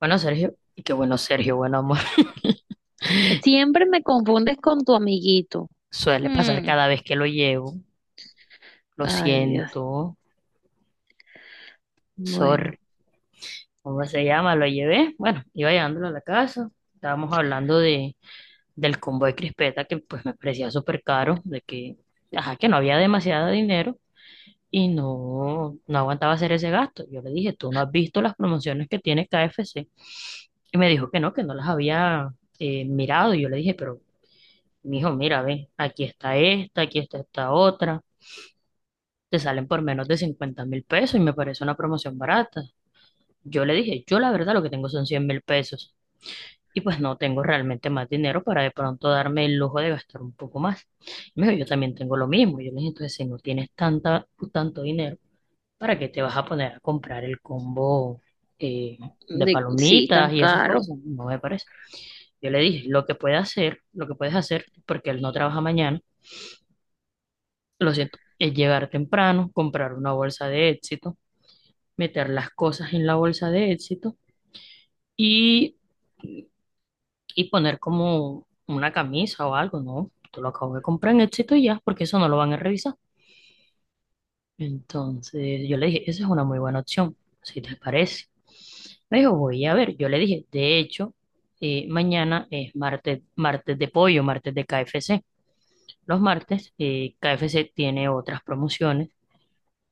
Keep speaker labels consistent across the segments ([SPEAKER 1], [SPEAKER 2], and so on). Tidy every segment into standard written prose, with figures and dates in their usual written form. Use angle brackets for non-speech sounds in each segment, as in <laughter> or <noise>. [SPEAKER 1] Bueno, Sergio, y qué bueno, Sergio, bueno, amor. <laughs>
[SPEAKER 2] Siempre me confundes con tu amiguito.
[SPEAKER 1] Suele pasar
[SPEAKER 2] Mm.
[SPEAKER 1] cada vez que lo llevo. Lo
[SPEAKER 2] Ay, Dios.
[SPEAKER 1] siento,
[SPEAKER 2] Bueno,
[SPEAKER 1] sorry. ¿Cómo se llama? Lo llevé. Bueno, iba llevándolo a la casa. Estábamos hablando del combo de crispeta que pues me parecía súper caro, de que, ajá, que no había demasiado dinero y no, no aguantaba hacer ese gasto. Yo le dije, ¿tú no has visto las promociones que tiene KFC? Y me dijo que no las había mirado. Y yo le dije, pero mijo, mira, ve, aquí está esta otra. Te salen por menos de 50.000 pesos y me parece una promoción barata. Yo le dije, yo la verdad lo que tengo son 100.000 pesos. Y pues no tengo realmente más dinero para de pronto darme el lujo de gastar un poco más. Y me dijo, yo también tengo lo mismo. Yo le dije, entonces si no tienes tanto dinero, ¿para qué te vas a poner a comprar el combo eh, de
[SPEAKER 2] sí,
[SPEAKER 1] palomitas
[SPEAKER 2] tan
[SPEAKER 1] y esas
[SPEAKER 2] caro.
[SPEAKER 1] cosas? No me parece. Yo le dije, lo que puedes hacer, porque él no trabaja mañana, lo siento, es llegar temprano, comprar una bolsa de éxito, meter las cosas en la bolsa de éxito y, y poner como una camisa o algo, ¿no? Tú lo acabo de comprar en éxito y ya, porque eso no lo van a revisar. Entonces yo le dije, esa es una muy buena opción, si te parece. Me dijo, voy a ver. Yo le dije, de hecho, mañana es martes, martes de pollo, martes de KFC. Los martes, KFC tiene otras promociones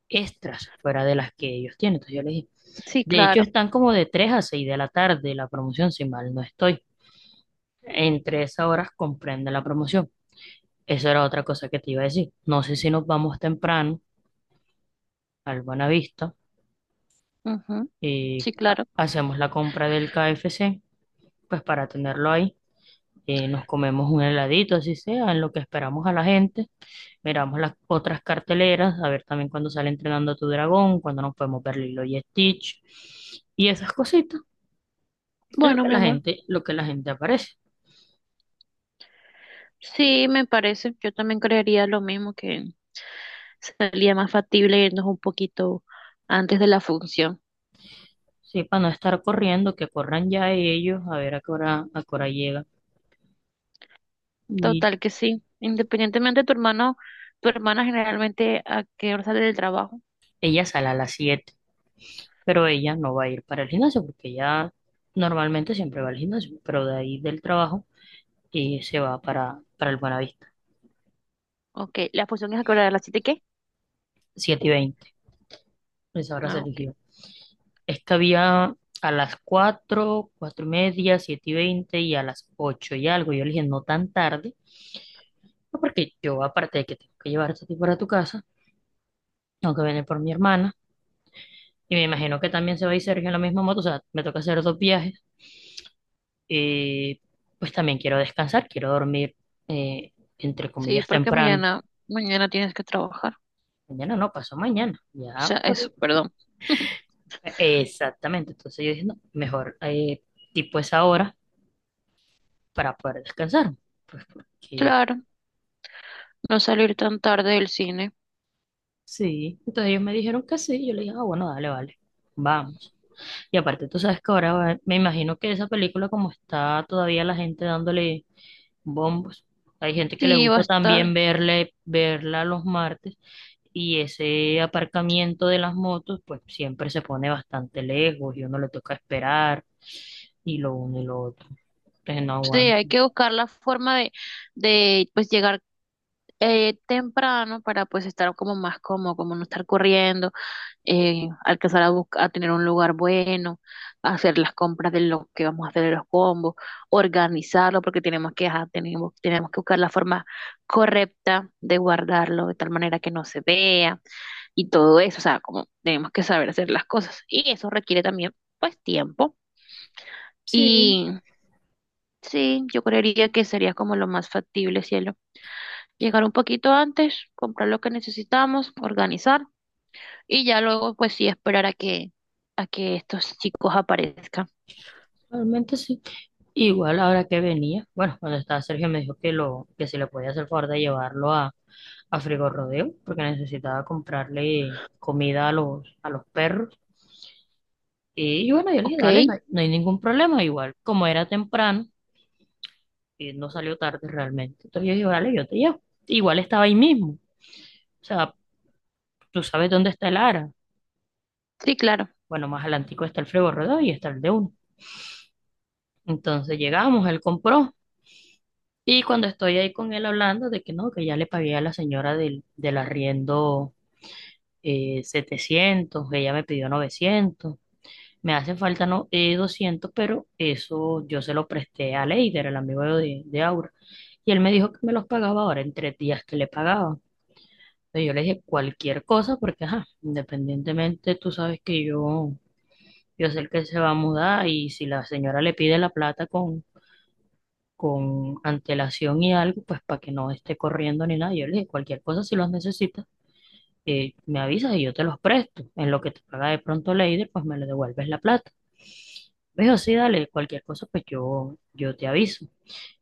[SPEAKER 1] extras fuera de las que ellos tienen. Entonces yo les dije,
[SPEAKER 2] Sí,
[SPEAKER 1] de hecho
[SPEAKER 2] claro.
[SPEAKER 1] están como de 3 a 6 de la tarde la promoción, si mal no estoy. Entre esas horas comprende la promoción. Eso era otra cosa que te iba a decir. No sé si nos vamos temprano al Buenavista
[SPEAKER 2] Ujú.
[SPEAKER 1] y
[SPEAKER 2] Sí, claro.
[SPEAKER 1] hacemos la compra del KFC, pues para tenerlo ahí. Nos comemos un heladito, así sea, en lo que esperamos a la gente. Miramos las otras carteleras, a ver también cuando sale Entrenando a tu Dragón, cuando nos podemos ver Lilo y Stitch y esas cositas. Lo
[SPEAKER 2] Bueno,
[SPEAKER 1] que
[SPEAKER 2] mi
[SPEAKER 1] la
[SPEAKER 2] amor.
[SPEAKER 1] gente, lo que la gente aparece.
[SPEAKER 2] Sí, me parece. Yo también creería lo mismo, que sería más factible irnos un poquito antes de la función.
[SPEAKER 1] Sí, para no estar corriendo, que corran ya ellos a ver a qué hora llega. Y
[SPEAKER 2] Total que sí. Independientemente de tu hermano, tu hermana generalmente ¿a qué hora sale del trabajo?
[SPEAKER 1] ella sale a las siete, pero ella no va a ir para el gimnasio porque ella normalmente siempre va al gimnasio, pero de ahí del trabajo y se va para, el Buenavista.
[SPEAKER 2] Ok, la función ¿es a qué hora, de las siete, qué?
[SPEAKER 1] 7:20, esa hora se
[SPEAKER 2] Ah, ok.
[SPEAKER 1] eligió. Es que había a las cuatro, 4:30, 7:20 y a las 8 y algo. Yo le dije, no tan tarde, no, porque yo aparte de que tengo que llevarte a ti para tu casa, aunque viene por mi hermana. Y me imagino que también se va a ir Sergio en la misma moto. O sea, me toca hacer dos viajes. Y pues también quiero descansar, quiero dormir, eh, entre
[SPEAKER 2] Sí,
[SPEAKER 1] comillas,
[SPEAKER 2] porque
[SPEAKER 1] temprano.
[SPEAKER 2] mañana, mañana tienes que trabajar.
[SPEAKER 1] Mañana no, pasó mañana.
[SPEAKER 2] O sea,
[SPEAKER 1] Ya, pues,
[SPEAKER 2] eso, perdón. <laughs>
[SPEAKER 1] exactamente. Entonces yo dije, no, mejor tipo esa hora para poder descansar. Pues porque
[SPEAKER 2] Claro, no salir tan tarde del cine.
[SPEAKER 1] sí. Entonces ellos me dijeron que sí. Yo le dije, ah, bueno, dale, vale. Vamos. Y aparte, tú sabes que ahora me imagino que esa película, como está todavía la gente dándole bombos. Hay gente que
[SPEAKER 2] Sí,
[SPEAKER 1] le
[SPEAKER 2] va a
[SPEAKER 1] gusta
[SPEAKER 2] estar.
[SPEAKER 1] también verle, verla los martes y ese aparcamiento de las motos pues siempre se pone bastante lejos y uno le toca esperar y lo uno y lo otro. Entonces no
[SPEAKER 2] Sí,
[SPEAKER 1] aguanta.
[SPEAKER 2] hay que buscar la forma de pues llegar temprano, para pues estar como más cómodo, como no estar corriendo, alcanzar a buscar, a tener un lugar bueno, hacer las compras de lo que vamos a hacer de los combos, organizarlo, porque tenemos que ajá, tenemos que buscar la forma correcta de guardarlo de tal manera que no se vea. Y todo eso, o sea, como tenemos que saber hacer las cosas. Y eso requiere también, pues, tiempo.
[SPEAKER 1] Sí,
[SPEAKER 2] Y sí, yo creería que sería como lo más factible, cielo. Llegar un poquito antes, comprar lo que necesitamos, organizar y ya luego, pues sí, esperar a que estos chicos aparezcan.
[SPEAKER 1] realmente sí. Igual ahora que venía, bueno, cuando estaba Sergio me dijo que lo, que si le podía hacer favor de llevarlo a, Frigorodeo, porque necesitaba comprarle comida a los perros. Y, bueno, yo le dije,
[SPEAKER 2] ¿Ok?
[SPEAKER 1] dale, no hay ningún problema. Igual, como era temprano, no salió tarde realmente. Entonces yo dije, vale, yo te llevo. Igual estaba ahí mismo. O sea, tú sabes dónde está el Ara.
[SPEAKER 2] Sí, claro,
[SPEAKER 1] Bueno, más adelantico está el Frego Rodó y está el de uno. Entonces llegamos, él compró. Y cuando estoy ahí con él hablando de que no, que ya le pagué a la señora del arriendo, 700, ella me pidió 900. Me hace falta no, 200, pero eso yo se lo presté a Leider, el amigo de, Aura. Y él me dijo que me los pagaba ahora en tres días, que le pagaba. Entonces, yo le dije cualquier cosa porque, ajá, independientemente, tú sabes que yo, sé que él se va a mudar y si la señora le pide la plata con antelación y algo, pues para que no esté corriendo ni nada, yo le dije cualquier cosa si los necesitas, me avisas y yo te los presto. En lo que te paga de pronto Leider, pues me le devuelves la plata. Me dijo, sí, dale, cualquier cosa, pues yo te aviso.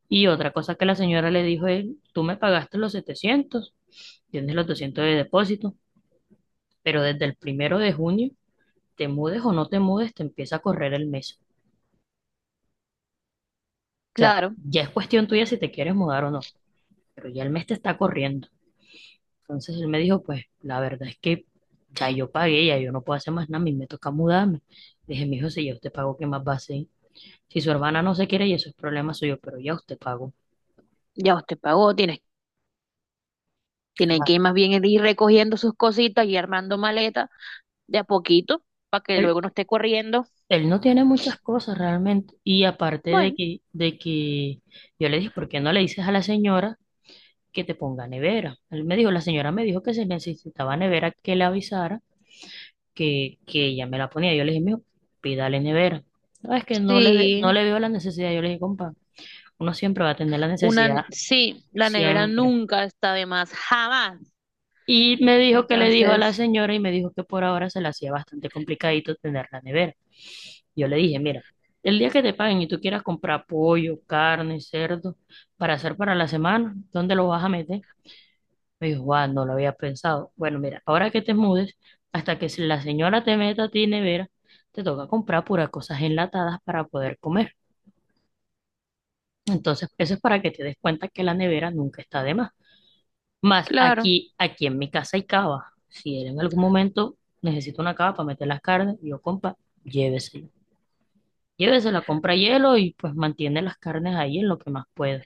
[SPEAKER 1] Y otra cosa que la señora le dijo es, tú me pagaste los 700, tienes los 200 de depósito. Pero desde el primero de junio, te mudes o no te mudes, te empieza a correr el mes. O sea,
[SPEAKER 2] claro.
[SPEAKER 1] ya es cuestión tuya si te quieres mudar o no, pero ya el mes te está corriendo. Entonces él me dijo, pues la verdad es que ya yo pagué, ya yo no puedo hacer más nada, a mí me toca mudarme. Le dije, mijo, si ya usted pagó, ¿qué más va a hacer? Si su hermana no se quiere y eso es problema suyo, pero ya usted pagó.
[SPEAKER 2] Ya usted pagó, tiene, tiene
[SPEAKER 1] Ajá.
[SPEAKER 2] que ir más bien ir recogiendo sus cositas y armando maleta de a poquito, para que
[SPEAKER 1] Él,
[SPEAKER 2] luego no esté corriendo.
[SPEAKER 1] él no tiene muchas cosas realmente. Y aparte de
[SPEAKER 2] Bueno,
[SPEAKER 1] que, de que yo le dije, ¿por qué no le dices a la señora que te ponga nevera? Él me dijo, la señora me dijo que se necesitaba nevera, que le avisara que ella me la ponía. Yo le dije, mijo, pídale nevera. No, es que no
[SPEAKER 2] sí.
[SPEAKER 1] le veo la necesidad. Yo le dije, compa, uno siempre va a tener la
[SPEAKER 2] Una,
[SPEAKER 1] necesidad,
[SPEAKER 2] sí, la nevera
[SPEAKER 1] siempre.
[SPEAKER 2] nunca está de más, jamás.
[SPEAKER 1] Y me dijo que le dijo a la
[SPEAKER 2] Entonces,
[SPEAKER 1] señora y me dijo que por ahora se le hacía bastante complicadito tener la nevera. Yo le dije, mira, el día que te paguen y tú quieras comprar pollo, carne, cerdo para hacer para la semana, ¿dónde lo vas a meter? Me dijo, guau, no lo había pensado. Bueno, mira, ahora que te mudes, hasta que si la señora te meta a ti nevera, te toca comprar puras cosas enlatadas para poder comer. Entonces, eso es para que te des cuenta que la nevera nunca está de más. Más
[SPEAKER 2] claro,
[SPEAKER 1] aquí, aquí en mi casa hay cava. Si él en algún momento necesita una cava para meter las carnes, yo compra, llévesela. Llévesela, compra hielo y pues mantiene las carnes ahí en lo que más pueda.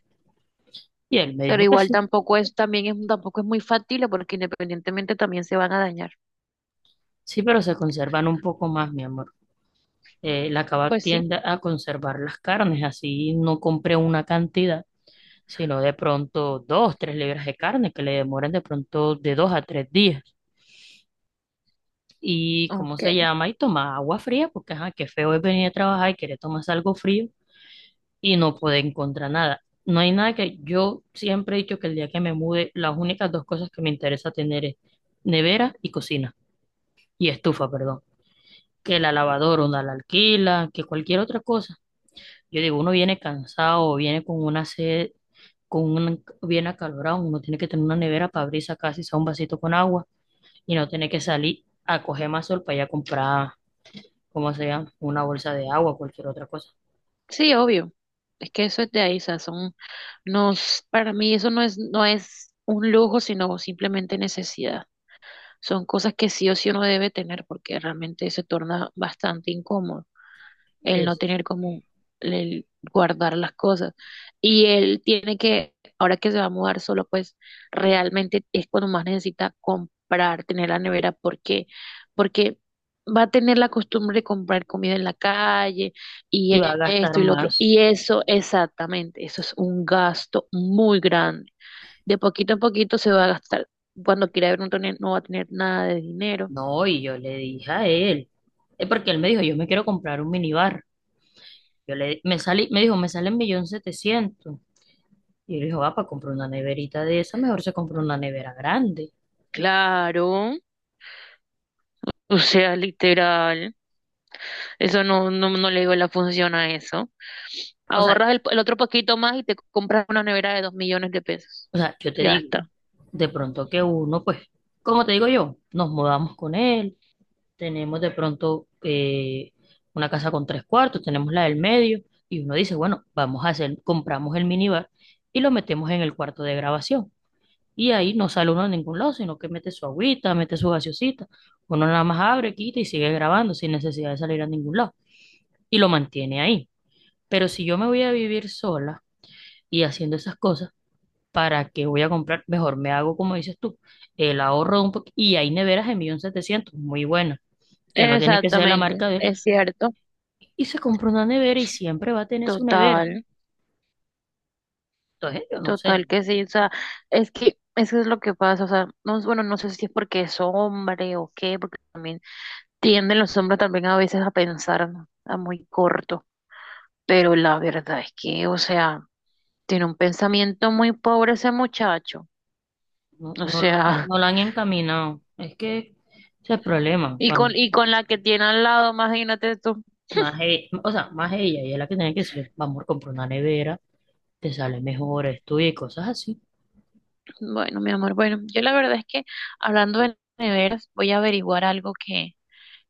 [SPEAKER 1] Y él me
[SPEAKER 2] pero
[SPEAKER 1] dijo que
[SPEAKER 2] igual
[SPEAKER 1] sí.
[SPEAKER 2] tampoco es, también es, tampoco es muy factible, porque independientemente también se van a dañar.
[SPEAKER 1] Sí, pero se conservan un poco más, mi amor. La Kebab
[SPEAKER 2] Pues sí,
[SPEAKER 1] tiende a conservar las carnes, así no compré una cantidad, sino de pronto dos, tres libras de carne que le demoran de pronto de dos a tres días. Y cómo se
[SPEAKER 2] ok.
[SPEAKER 1] llama, y toma agua fría, porque ajá, qué feo es venir a trabajar y querer tomarse algo frío y no poder encontrar nada. No hay nada que yo siempre he dicho que el día que me mude, las únicas dos cosas que me interesa tener es nevera y cocina, y estufa, perdón, que la lavadora una la alquila, que cualquier otra cosa. Yo digo, uno viene cansado, viene con una sed, con un bien acalorado, uno tiene que tener una nevera para abrir y sacar si sea un vasito con agua y no tener que salir a coger más sol para ir a comprar, ¿cómo se llama? Una bolsa de agua, cualquier otra cosa.
[SPEAKER 2] Sí, obvio. Es que eso es de ahí, o sea, son, nos, para mí eso no es, no es un lujo, sino simplemente necesidad. Son cosas que sí o sí uno debe tener, porque realmente se torna bastante incómodo. El no
[SPEAKER 1] Eso, sí.
[SPEAKER 2] tener como el guardar las cosas. Y él tiene que, ahora que se va a mudar solo, pues realmente es cuando más necesita comprar, tener la nevera. ¿Por qué? Porque va a tener la costumbre de comprar comida en la calle
[SPEAKER 1] Y va a gastar
[SPEAKER 2] esto y lo otro.
[SPEAKER 1] más.
[SPEAKER 2] Y eso, exactamente, eso es un gasto muy grande. De poquito en poquito se va a gastar. Cuando quiera ver un tonel no va a tener nada de dinero.
[SPEAKER 1] No, y yo le dije a él, es porque él me dijo, yo me quiero comprar un minibar. Yo le, me salí, me dijo, me sale 1.700.000. Y yo le dije, va, para comprar una neverita de esa, mejor se compra una nevera grande.
[SPEAKER 2] Claro. O sea, literal. Eso no, no, no le digo la función a eso.
[SPEAKER 1] O sea,
[SPEAKER 2] Ahorras el otro poquito más y te compras una nevera de $2.000.000.
[SPEAKER 1] o sea, yo te
[SPEAKER 2] Ya
[SPEAKER 1] digo,
[SPEAKER 2] está.
[SPEAKER 1] de pronto que uno, pues, como te digo yo, nos mudamos con él, tenemos de pronto una casa con tres cuartos, tenemos la del medio, y uno dice, bueno, vamos a hacer, compramos el minibar y lo metemos en el cuarto de grabación. Y ahí no sale uno a ningún lado, sino que mete su agüita, mete su gaseosita. Uno nada más abre, quita y sigue grabando sin necesidad de salir a ningún lado. Y lo mantiene ahí. Pero si yo me voy a vivir sola y haciendo esas cosas, ¿para qué voy a comprar? Mejor me hago, como dices tú, el ahorro de un poquito. Y hay neveras de 1.700.000 muy buenas, que no tiene que ser la
[SPEAKER 2] Exactamente.
[SPEAKER 1] marca de él.
[SPEAKER 2] Es cierto.
[SPEAKER 1] Y se compra una nevera y siempre va a tener su nevera.
[SPEAKER 2] Total.
[SPEAKER 1] Entonces, yo no
[SPEAKER 2] Total
[SPEAKER 1] sé,
[SPEAKER 2] que sí, o sea, es que eso es lo que pasa, o sea, no, bueno, no sé si es porque es hombre o qué, porque también tienden los hombres también a veces a pensar a muy corto, pero la verdad es que, o sea, tiene un pensamiento muy pobre ese muchacho,
[SPEAKER 1] no,
[SPEAKER 2] o
[SPEAKER 1] no, lo,
[SPEAKER 2] sea,
[SPEAKER 1] no la han encaminado. Es que ese es el
[SPEAKER 2] <laughs>
[SPEAKER 1] problema. Cuando
[SPEAKER 2] y con la que tiene al lado, imagínate tú,
[SPEAKER 1] o sea, más ella, es la que tiene que decir, vamos, comprar una nevera, te sale mejor, estudia y cosas así.
[SPEAKER 2] bueno, mi amor, bueno, yo la verdad es que, hablando de neveras, voy a averiguar algo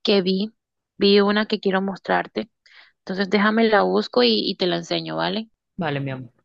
[SPEAKER 2] que vi, vi una que quiero mostrarte. Entonces déjame, la busco y te la enseño, ¿vale?
[SPEAKER 1] Vale, mi amor.